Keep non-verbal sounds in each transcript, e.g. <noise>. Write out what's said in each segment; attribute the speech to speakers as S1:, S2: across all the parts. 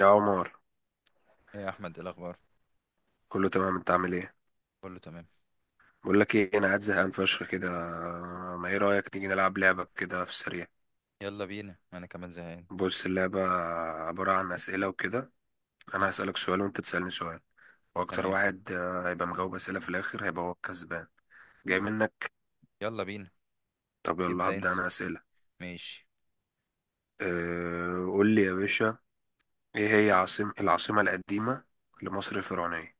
S1: يا عمر،
S2: إيه يا احمد، إيه الاخبار؟
S1: كله تمام. انت عامل ايه؟
S2: كله تمام.
S1: بقول لك ايه، انا قاعد زهقان فشخ كده. ما ايه رايك نيجي نلعب لعبه كده في السريع؟
S2: يلا بينا، انا كمان زهقان.
S1: بص، اللعبه عباره عن اسئله وكده.
S2: مم،
S1: انا هسالك سؤال وانت تسالني سؤال. واكتر
S2: تمام.
S1: واحد هيبقى مجاوب اسئله في الاخر هيبقى هو الكسبان. جاي منك.
S2: يلا بينا.
S1: طب يلا
S2: ابدا انت.
S1: هبدا انا اسئله.
S2: ماشي.
S1: أه، قول لي يا باشا، ايه هي العاصمه القديمه لمصر الفرعونيه؟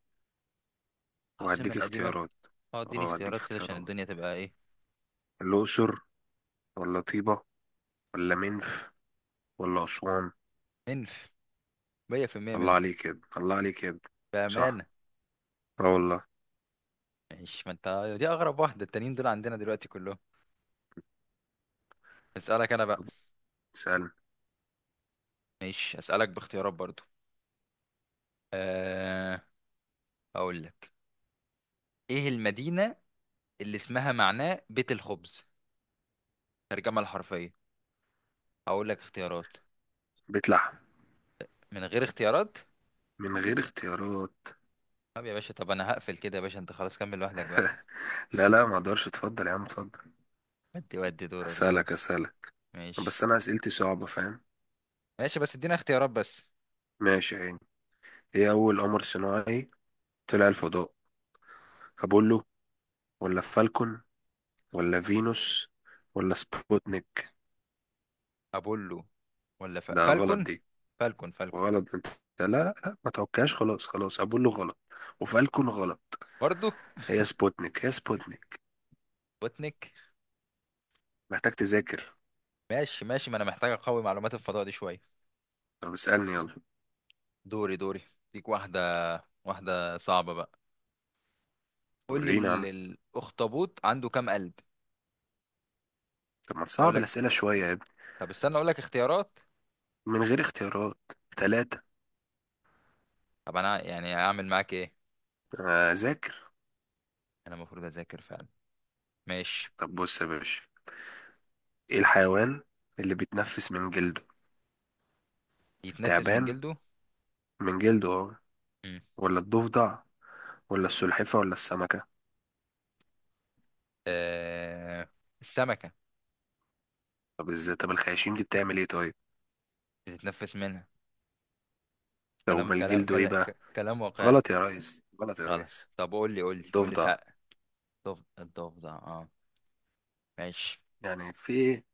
S2: العاصمه
S1: وهديك
S2: القديمه.
S1: اختيارات.
S2: اه، اديني
S1: اه هديك
S2: اختيارات كده عشان
S1: اختيارات:
S2: الدنيا تبقى ايه.
S1: الاقصر، ولا طيبه، ولا منف، ولا اسوان؟
S2: منف. 100%
S1: الله
S2: منف.
S1: عليك يا ابني، الله عليك يا ابني.
S2: بامانه.
S1: صح. اه والله.
S2: ماشي، ما انت دي اغرب واحده، التانيين دول عندنا دلوقتي كلهم. اسالك انا بقى.
S1: طب اسألني.
S2: ماشي، اسالك باختيارات برضو. أه... اقول لك، ايه المدينه اللي اسمها معناه بيت الخبز، ترجمه الحرفيه؟ اقول لك اختيارات.
S1: بيت لحم.
S2: من غير اختيارات.
S1: من غير اختيارات.
S2: طب يا باشا، طب انا هقفل كده يا باشا، انت خلاص كمل لوحدك بقى.
S1: لا لا، ما اقدرش. اتفضل يا عم اتفضل.
S2: ودي دورك دورك.
S1: هسألك، هسألك.
S2: ماشي
S1: بس انا اسئلتي صعبة، فاهم؟
S2: ماشي، بس ادينا اختيارات بس.
S1: ماشي يا عيني. ايه اول قمر صناعي طلع الفضاء؟ ابولو، ولا فالكون، ولا فينوس، ولا سبوتنيك؟
S2: ابولو، ولا
S1: ده غلط
S2: فالكون.
S1: دي.
S2: فالكون فالكون.
S1: غلط انت. لا لا، ما توكاش. خلاص خلاص، ابولو غلط وفالكون غلط.
S2: برضو.
S1: هي سبوتنيك، هي سبوتنيك.
S2: بوتنيك.
S1: محتاج تذاكر.
S2: ماشي ماشي، ما انا محتاج اقوي معلومات الفضاء دي شويه.
S1: طب اسألني يلا.
S2: دوري دوري. ديك واحده، واحده صعبه بقى. قول لي
S1: ورينا يا عم.
S2: الاخطبوط عنده كام قلب؟
S1: طب ما
S2: اقول
S1: تصعب
S2: لك.
S1: الأسئلة شوية يا ابني.
S2: طب استنى اقول لك اختيارات.
S1: من غير اختيارات. تلاتة.
S2: طب انا يعني اعمل معاك ايه؟
S1: آه، أذاكر.
S2: انا المفروض اذاكر فعلا. ماشي.
S1: طب بص يا باشا، إيه الحيوان اللي بيتنفس من جلده؟
S2: يتنفس من
S1: التعبان،
S2: جلده.
S1: من جلده أهو.
S2: مم.
S1: ولا الضفدع، ولا السلحفة، ولا السمكة؟
S2: آه... السمكه.
S1: طب ازاي؟ طب الخياشيم دي بتعمل ايه طيب؟
S2: بتتنفس منها.
S1: طب
S2: كلام
S1: امال
S2: كلام
S1: جلده ايه
S2: كلام،
S1: بقى؟
S2: كلام واقعي.
S1: غلط يا ريس، غلط يا
S2: غلط.
S1: ريس.
S2: طب قول لي قول لي قول لي
S1: الضفدع.
S2: ساق. الضفدع الضفدع، اه. ماشي.
S1: يعني في ايه؟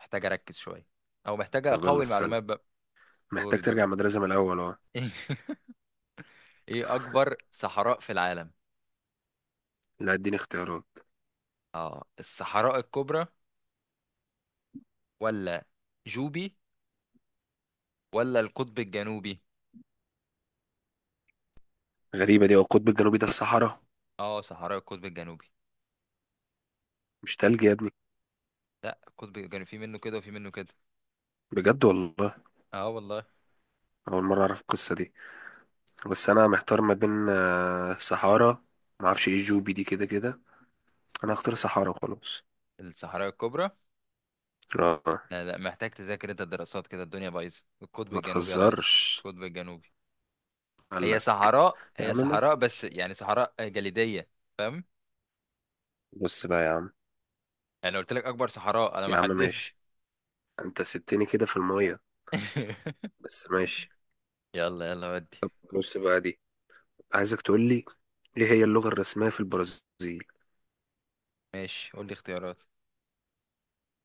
S2: محتاج اركز شويه، او محتاج
S1: طب يلا
S2: اقوي
S1: السلام.
S2: المعلومات بقى.
S1: محتاج
S2: دوري دوري.
S1: ترجع المدرسة من الأول أهو.
S2: <laughs> ايه اكبر صحراء في العالم؟
S1: لا، اديني اختيارات.
S2: اه، الصحراء الكبرى، ولا جوبي، ولا القطب الجنوبي؟
S1: غريبة دي. هو القطب الجنوبي ده الصحراء؟
S2: اه، صحراء القطب الجنوبي.
S1: مش تلج يا ابني؟
S2: لا، القطب الجنوبي في منه كده وفي منه كده.
S1: بجد والله؟
S2: اه والله.
S1: أول مرة أعرف القصة دي. بس انا محتار ما بين صحارى. ما اعرفش ايه جوبي دي كده كده. انا هختار صحارى وخلاص.
S2: الصحراء الكبرى.
S1: اه.
S2: لا لا، محتاج تذاكر انت، الدراسات كده الدنيا بايظه، القطب
S1: ما
S2: الجنوبي يا ريس.
S1: تهزرش.
S2: القطب الجنوبي.
S1: قال
S2: هي
S1: لك.
S2: صحراء
S1: يا
S2: هي
S1: عم
S2: صحراء
S1: ماشي
S2: بس
S1: ماشي.
S2: يعني صحراء جليدية. فاهم.
S1: بص بقى يا عم.
S2: انا قلت لك اكبر صحراء، انا ما
S1: يا عم
S2: حددتش.
S1: ماشي. انت سبتني كده في المية.
S2: <laughs>
S1: بس ماشي.
S2: يلا يلا، ودي.
S1: طب بص بقى دي. عايزك تقول لي، ايه هي اللغة الرسمية في البرازيل؟
S2: ماشي، قول لي اختيارات.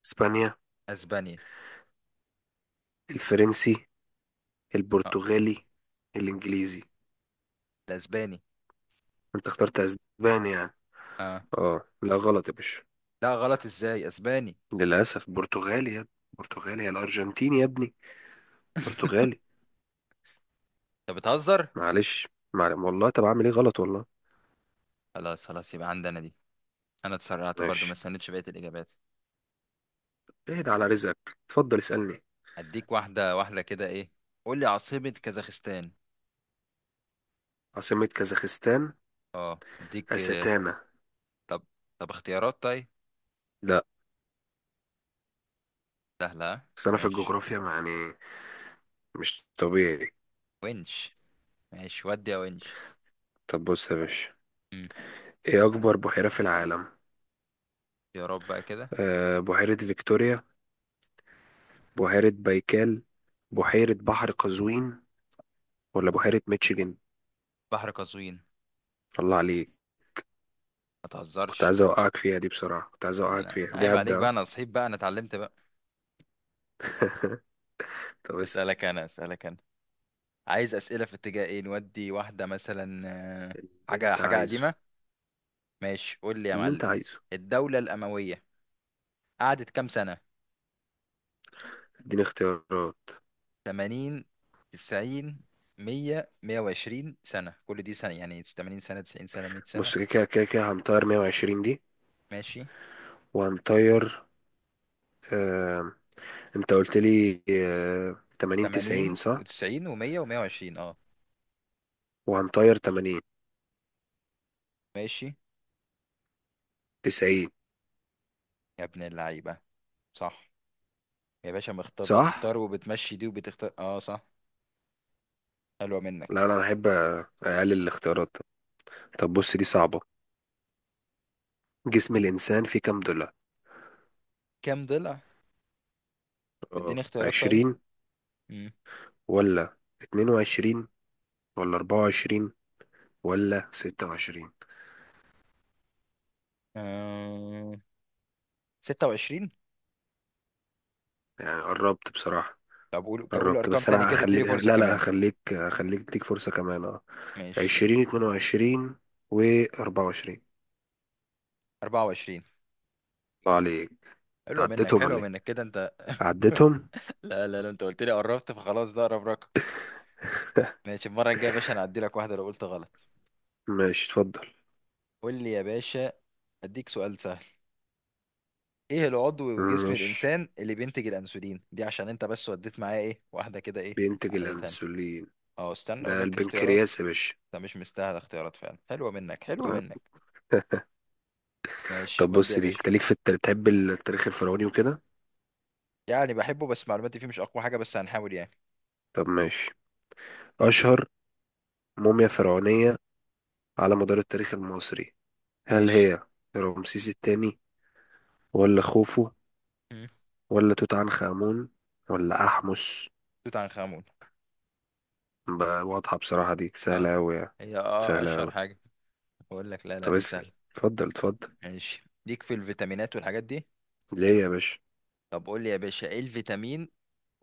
S1: اسبانيا،
S2: اسبانيا.
S1: الفرنسي،
S2: اه،
S1: البرتغالي، الانجليزي؟
S2: ده اسباني.
S1: انت اخترت اسباني يعني؟
S2: اه،
S1: اه. لا غلط يا باشا.
S2: لا، غلط ازاي اسباني؟
S1: للاسف برتغالي يا ابني. برتغالي يا الارجنتيني يا ابني. برتغالي.
S2: <laughs> انت بتهزر.
S1: معلش. والله طب اعمل ايه؟ غلط والله.
S2: خلاص خلاص، يبقى عندنا دي. انا اتسرعت برضو، ما
S1: ماشي.
S2: استنيتش بقية الاجابات.
S1: اهدى على رزقك. اتفضل اسألني.
S2: اديك واحدة واحدة كده، ايه. قول لي عاصمة كازاخستان.
S1: عاصمة كازاخستان؟
S2: اه اديك.
S1: أستانا.
S2: طب طب اختيارات طيب؟
S1: لا.
S2: سهلة ها؟
S1: بس انا في
S2: ماشي.
S1: الجغرافيا ما يعني، مش طبيعي.
S2: ونش. ماشي ودي يا ونش.
S1: طب بص يا باشا، ايه اكبر بحيرة في العالم؟
S2: يا رب بقى كده.
S1: أه، بحيرة فيكتوريا، بحيرة بايكال، بحيرة بحر قزوين، ولا بحيرة ميتشيجن؟
S2: بحر قزوين.
S1: الله عليك.
S2: ما
S1: كنت
S2: تهزرش.
S1: عايز اوقعك فيها دي بصراحة، كنت عايز اوقعك
S2: انا
S1: فيها
S2: أنا
S1: دي.
S2: عيب عليك بقى،
S1: هبدأ.
S2: انا صحيت بقى، انا اتعلمت بقى.
S1: <laughs> طب اسأل.
S2: اسالك انا اسالك انا. عايز اسئله في اتجاه ايه، نودي واحده مثلا. آه،
S1: اللي
S2: حاجه
S1: انت
S2: حاجه
S1: عايزه.
S2: قديمه. ماشي، قول لي يا
S1: اللي انت
S2: معلم.
S1: عايزه.
S2: الدوله الامويه قعدت كام سنه؟
S1: اديني اختيارات.
S2: 80، 90، 100، 120 سنه، كل دي سنه، يعني 80 سنه 90 سنه 100 سنه.
S1: بص، كده كده كده كده، هنطير 120 دي.
S2: ماشي،
S1: وهنطير، آه... انت قلت لي 80 90
S2: 80
S1: صح.
S2: و90 و100 و120، اه.
S1: وهنطير 80
S2: ماشي،
S1: 90
S2: يا ابن اللعيبه، صح. يا باشا مختار،
S1: صح.
S2: بتختار وبتمشي دي وبتختار، اه صح. حلوة منك.
S1: لا لا، انا بحب اقلل الاختيارات. طب بص دي صعبة، جسم الانسان فيه كام ضلع؟
S2: كام ضلع؟
S1: اه،
S2: بديني اختيارات طيب.
S1: 20،
S2: امم
S1: ولا 22، ولا 24، ولا 26؟
S2: آه... 26.
S1: يعني قربت بصراحة.
S2: طب قول قول
S1: قربت،
S2: ارقام
S1: بس
S2: تاني
S1: انا
S2: كده،
S1: هخليك،
S2: اديني فرصة
S1: لا لا
S2: كمان.
S1: هخليك، تديك فرصة كمان. اه،
S2: ماشي.
S1: 20، 22، و 24
S2: 24.
S1: الله عليك.
S2: حلوة منك
S1: تعديتهم
S2: حلوة
S1: ولا ايه؟
S2: منك كده انت.
S1: عديتهم.
S2: لا لا لا، انت قلت لي قربت، فخلاص ده اقرب رقم. ماشي، المرة الجاية يا باشا انا هعدي لك واحدة لو قلت غلط.
S1: ماشي اتفضل.
S2: قول لي يا باشا. اديك سؤال سهل. ايه العضو في جسم
S1: ماشي،
S2: الانسان اللي بينتج الانسولين؟ دي عشان انت بس وديت معايا ايه واحدة كده، ايه.
S1: بينتج
S2: عقدتها.
S1: الانسولين.
S2: اه، استنى اقول
S1: ده
S2: لك اختيارات.
S1: البنكرياس يا باشا.
S2: ده مش مستاهل اختيارات فعلا، حلوة منك حلوة منك.
S1: آه.
S2: ماشي
S1: طب
S2: ودي يا
S1: بص دي،
S2: باشا.
S1: انت ليك في التاريخ، بتحب التاريخ الفرعوني وكده.
S2: يعني بحبه، بس معلوماتي فيه مش اقوى حاجة، بس هنحاول يعني.
S1: طب ماشي، اشهر موميا فرعونية على مدار التاريخ المصري هل
S2: ماشي.
S1: هي رمسيس الثاني، ولا خوفو،
S2: مم.
S1: ولا توت عنخ آمون، ولا أحمس؟
S2: توت عنخ آمون.
S1: بقى واضحة بصراحة، دي
S2: اه.
S1: سهلة أوي يعني.
S2: هي اه
S1: سهلة
S2: اشهر
S1: أوي.
S2: حاجة. بقول لك لا لا
S1: طب
S2: دي
S1: اسأل،
S2: سهلة.
S1: اتفضل اتفضل.
S2: ماشي، ليك في الفيتامينات والحاجات دي.
S1: ليه يا باشا؟
S2: طب قول لي يا باشا ايه الفيتامين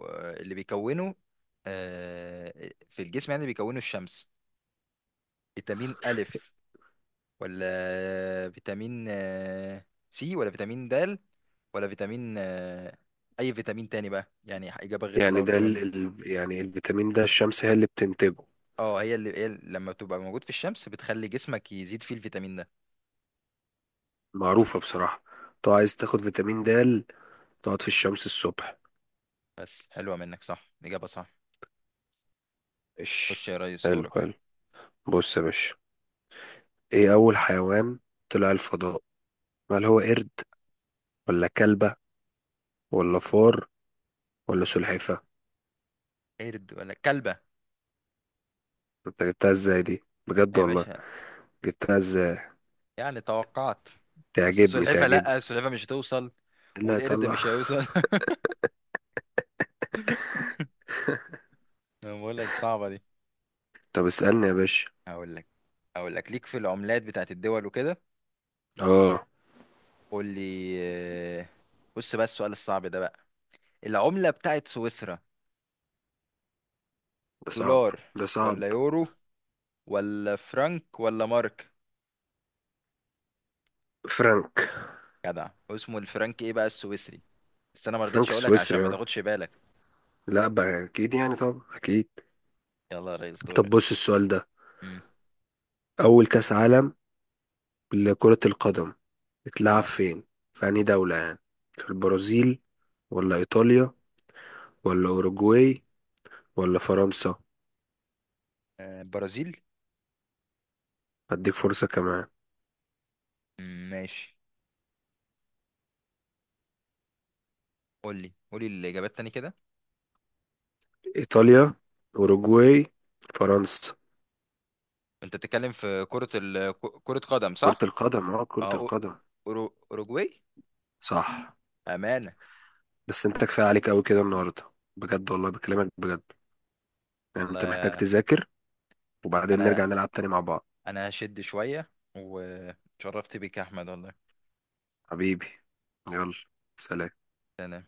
S2: اللي بيكونه في الجسم، يعني بيكونه الشمس. فيتامين ألف، ولا فيتامين سي، ولا فيتامين د، ولا فيتامين اي فيتامين تاني بقى، يعني اجابه غير اللي أنا
S1: يعني ده
S2: قلتهم لك دي.
S1: يعني الفيتامين ده الشمس هي اللي بتنتجه.
S2: اه، هي اللي لما بتبقى موجود في الشمس بتخلي جسمك يزيد فيه الفيتامين ده.
S1: معروفة بصراحة. تو عايز تاخد فيتامين د، تقعد في الشمس الصبح.
S2: بس حلوه منك، صح الاجابه صح.
S1: ماشي.
S2: خش يا ريس،
S1: حلو
S2: دورك.
S1: حلو. بص يا باشا، ايه أول حيوان طلع الفضاء؟ هل هو قرد، ولا كلبة، ولا فار، ولا سلحفة؟
S2: قرد ولا كلبه.
S1: انت جبتها ازاي دي؟ بجد
S2: يا
S1: والله.
S2: باشا،
S1: جبتها ازاي؟
S2: يعني توقعت. بس
S1: تعجبني،
S2: السلحفه،
S1: تعجبني
S2: لا السلحفه مش هتوصل.
S1: اللي
S2: والقرد
S1: هيطلع.
S2: مش هيوصل. <laughs> انا بقول لك صعبه دي.
S1: <laughs> طب اسألني يا باشا.
S2: هقول لك هقول لك ليك في العملات بتاعت الدول وكده.
S1: اه،
S2: قول لي. آه، بص بقى السؤال الصعب ده بقى. العملة بتاعت سويسرا.
S1: ده صعب،
S2: دولار،
S1: ده صعب.
S2: ولا يورو، ولا فرنك، ولا مارك.
S1: فرانك.
S2: جدع، اسمه الفرنك، ايه بقى السويسري. بس انا ما
S1: فرانك
S2: رضيتش اقولك عشان
S1: السويسري،
S2: ما
S1: اه.
S2: تاخدش بالك.
S1: لا بقى اكيد يعني، طب اكيد.
S2: يلا يا ريس،
S1: طب
S2: دورك.
S1: بص السؤال ده.
S2: امم
S1: أول كأس عالم لكرة القدم اتلعب
S2: اه،
S1: فين؟ في أنهي دولة يعني؟ في البرازيل، ولا إيطاليا، ولا أوروجواي، ولا فرنسا؟
S2: برازيل.
S1: هديك فرصة كمان.
S2: مم، ماشي. قول لي قول لي الاجابات تاني كده.
S1: إيطاليا، أوروجواي، فرنسا.
S2: انت بتتكلم في كرة كرة قدم
S1: كرة
S2: صح؟
S1: القدم، اه كرة
S2: اه
S1: القدم.
S2: اوروجواي.
S1: صح.
S2: امانة.
S1: بس انت كفاية عليك أوي كده النهاردة. بجد والله بكلمك بجد. يعني انت محتاج
S2: والله.
S1: تذاكر، وبعدين نرجع
S2: انا
S1: نلعب تاني مع بعض.
S2: انا هشد شوية. وشرفت بيك يا احمد والله.
S1: حبيبي. يلا. سلام.
S2: تمام.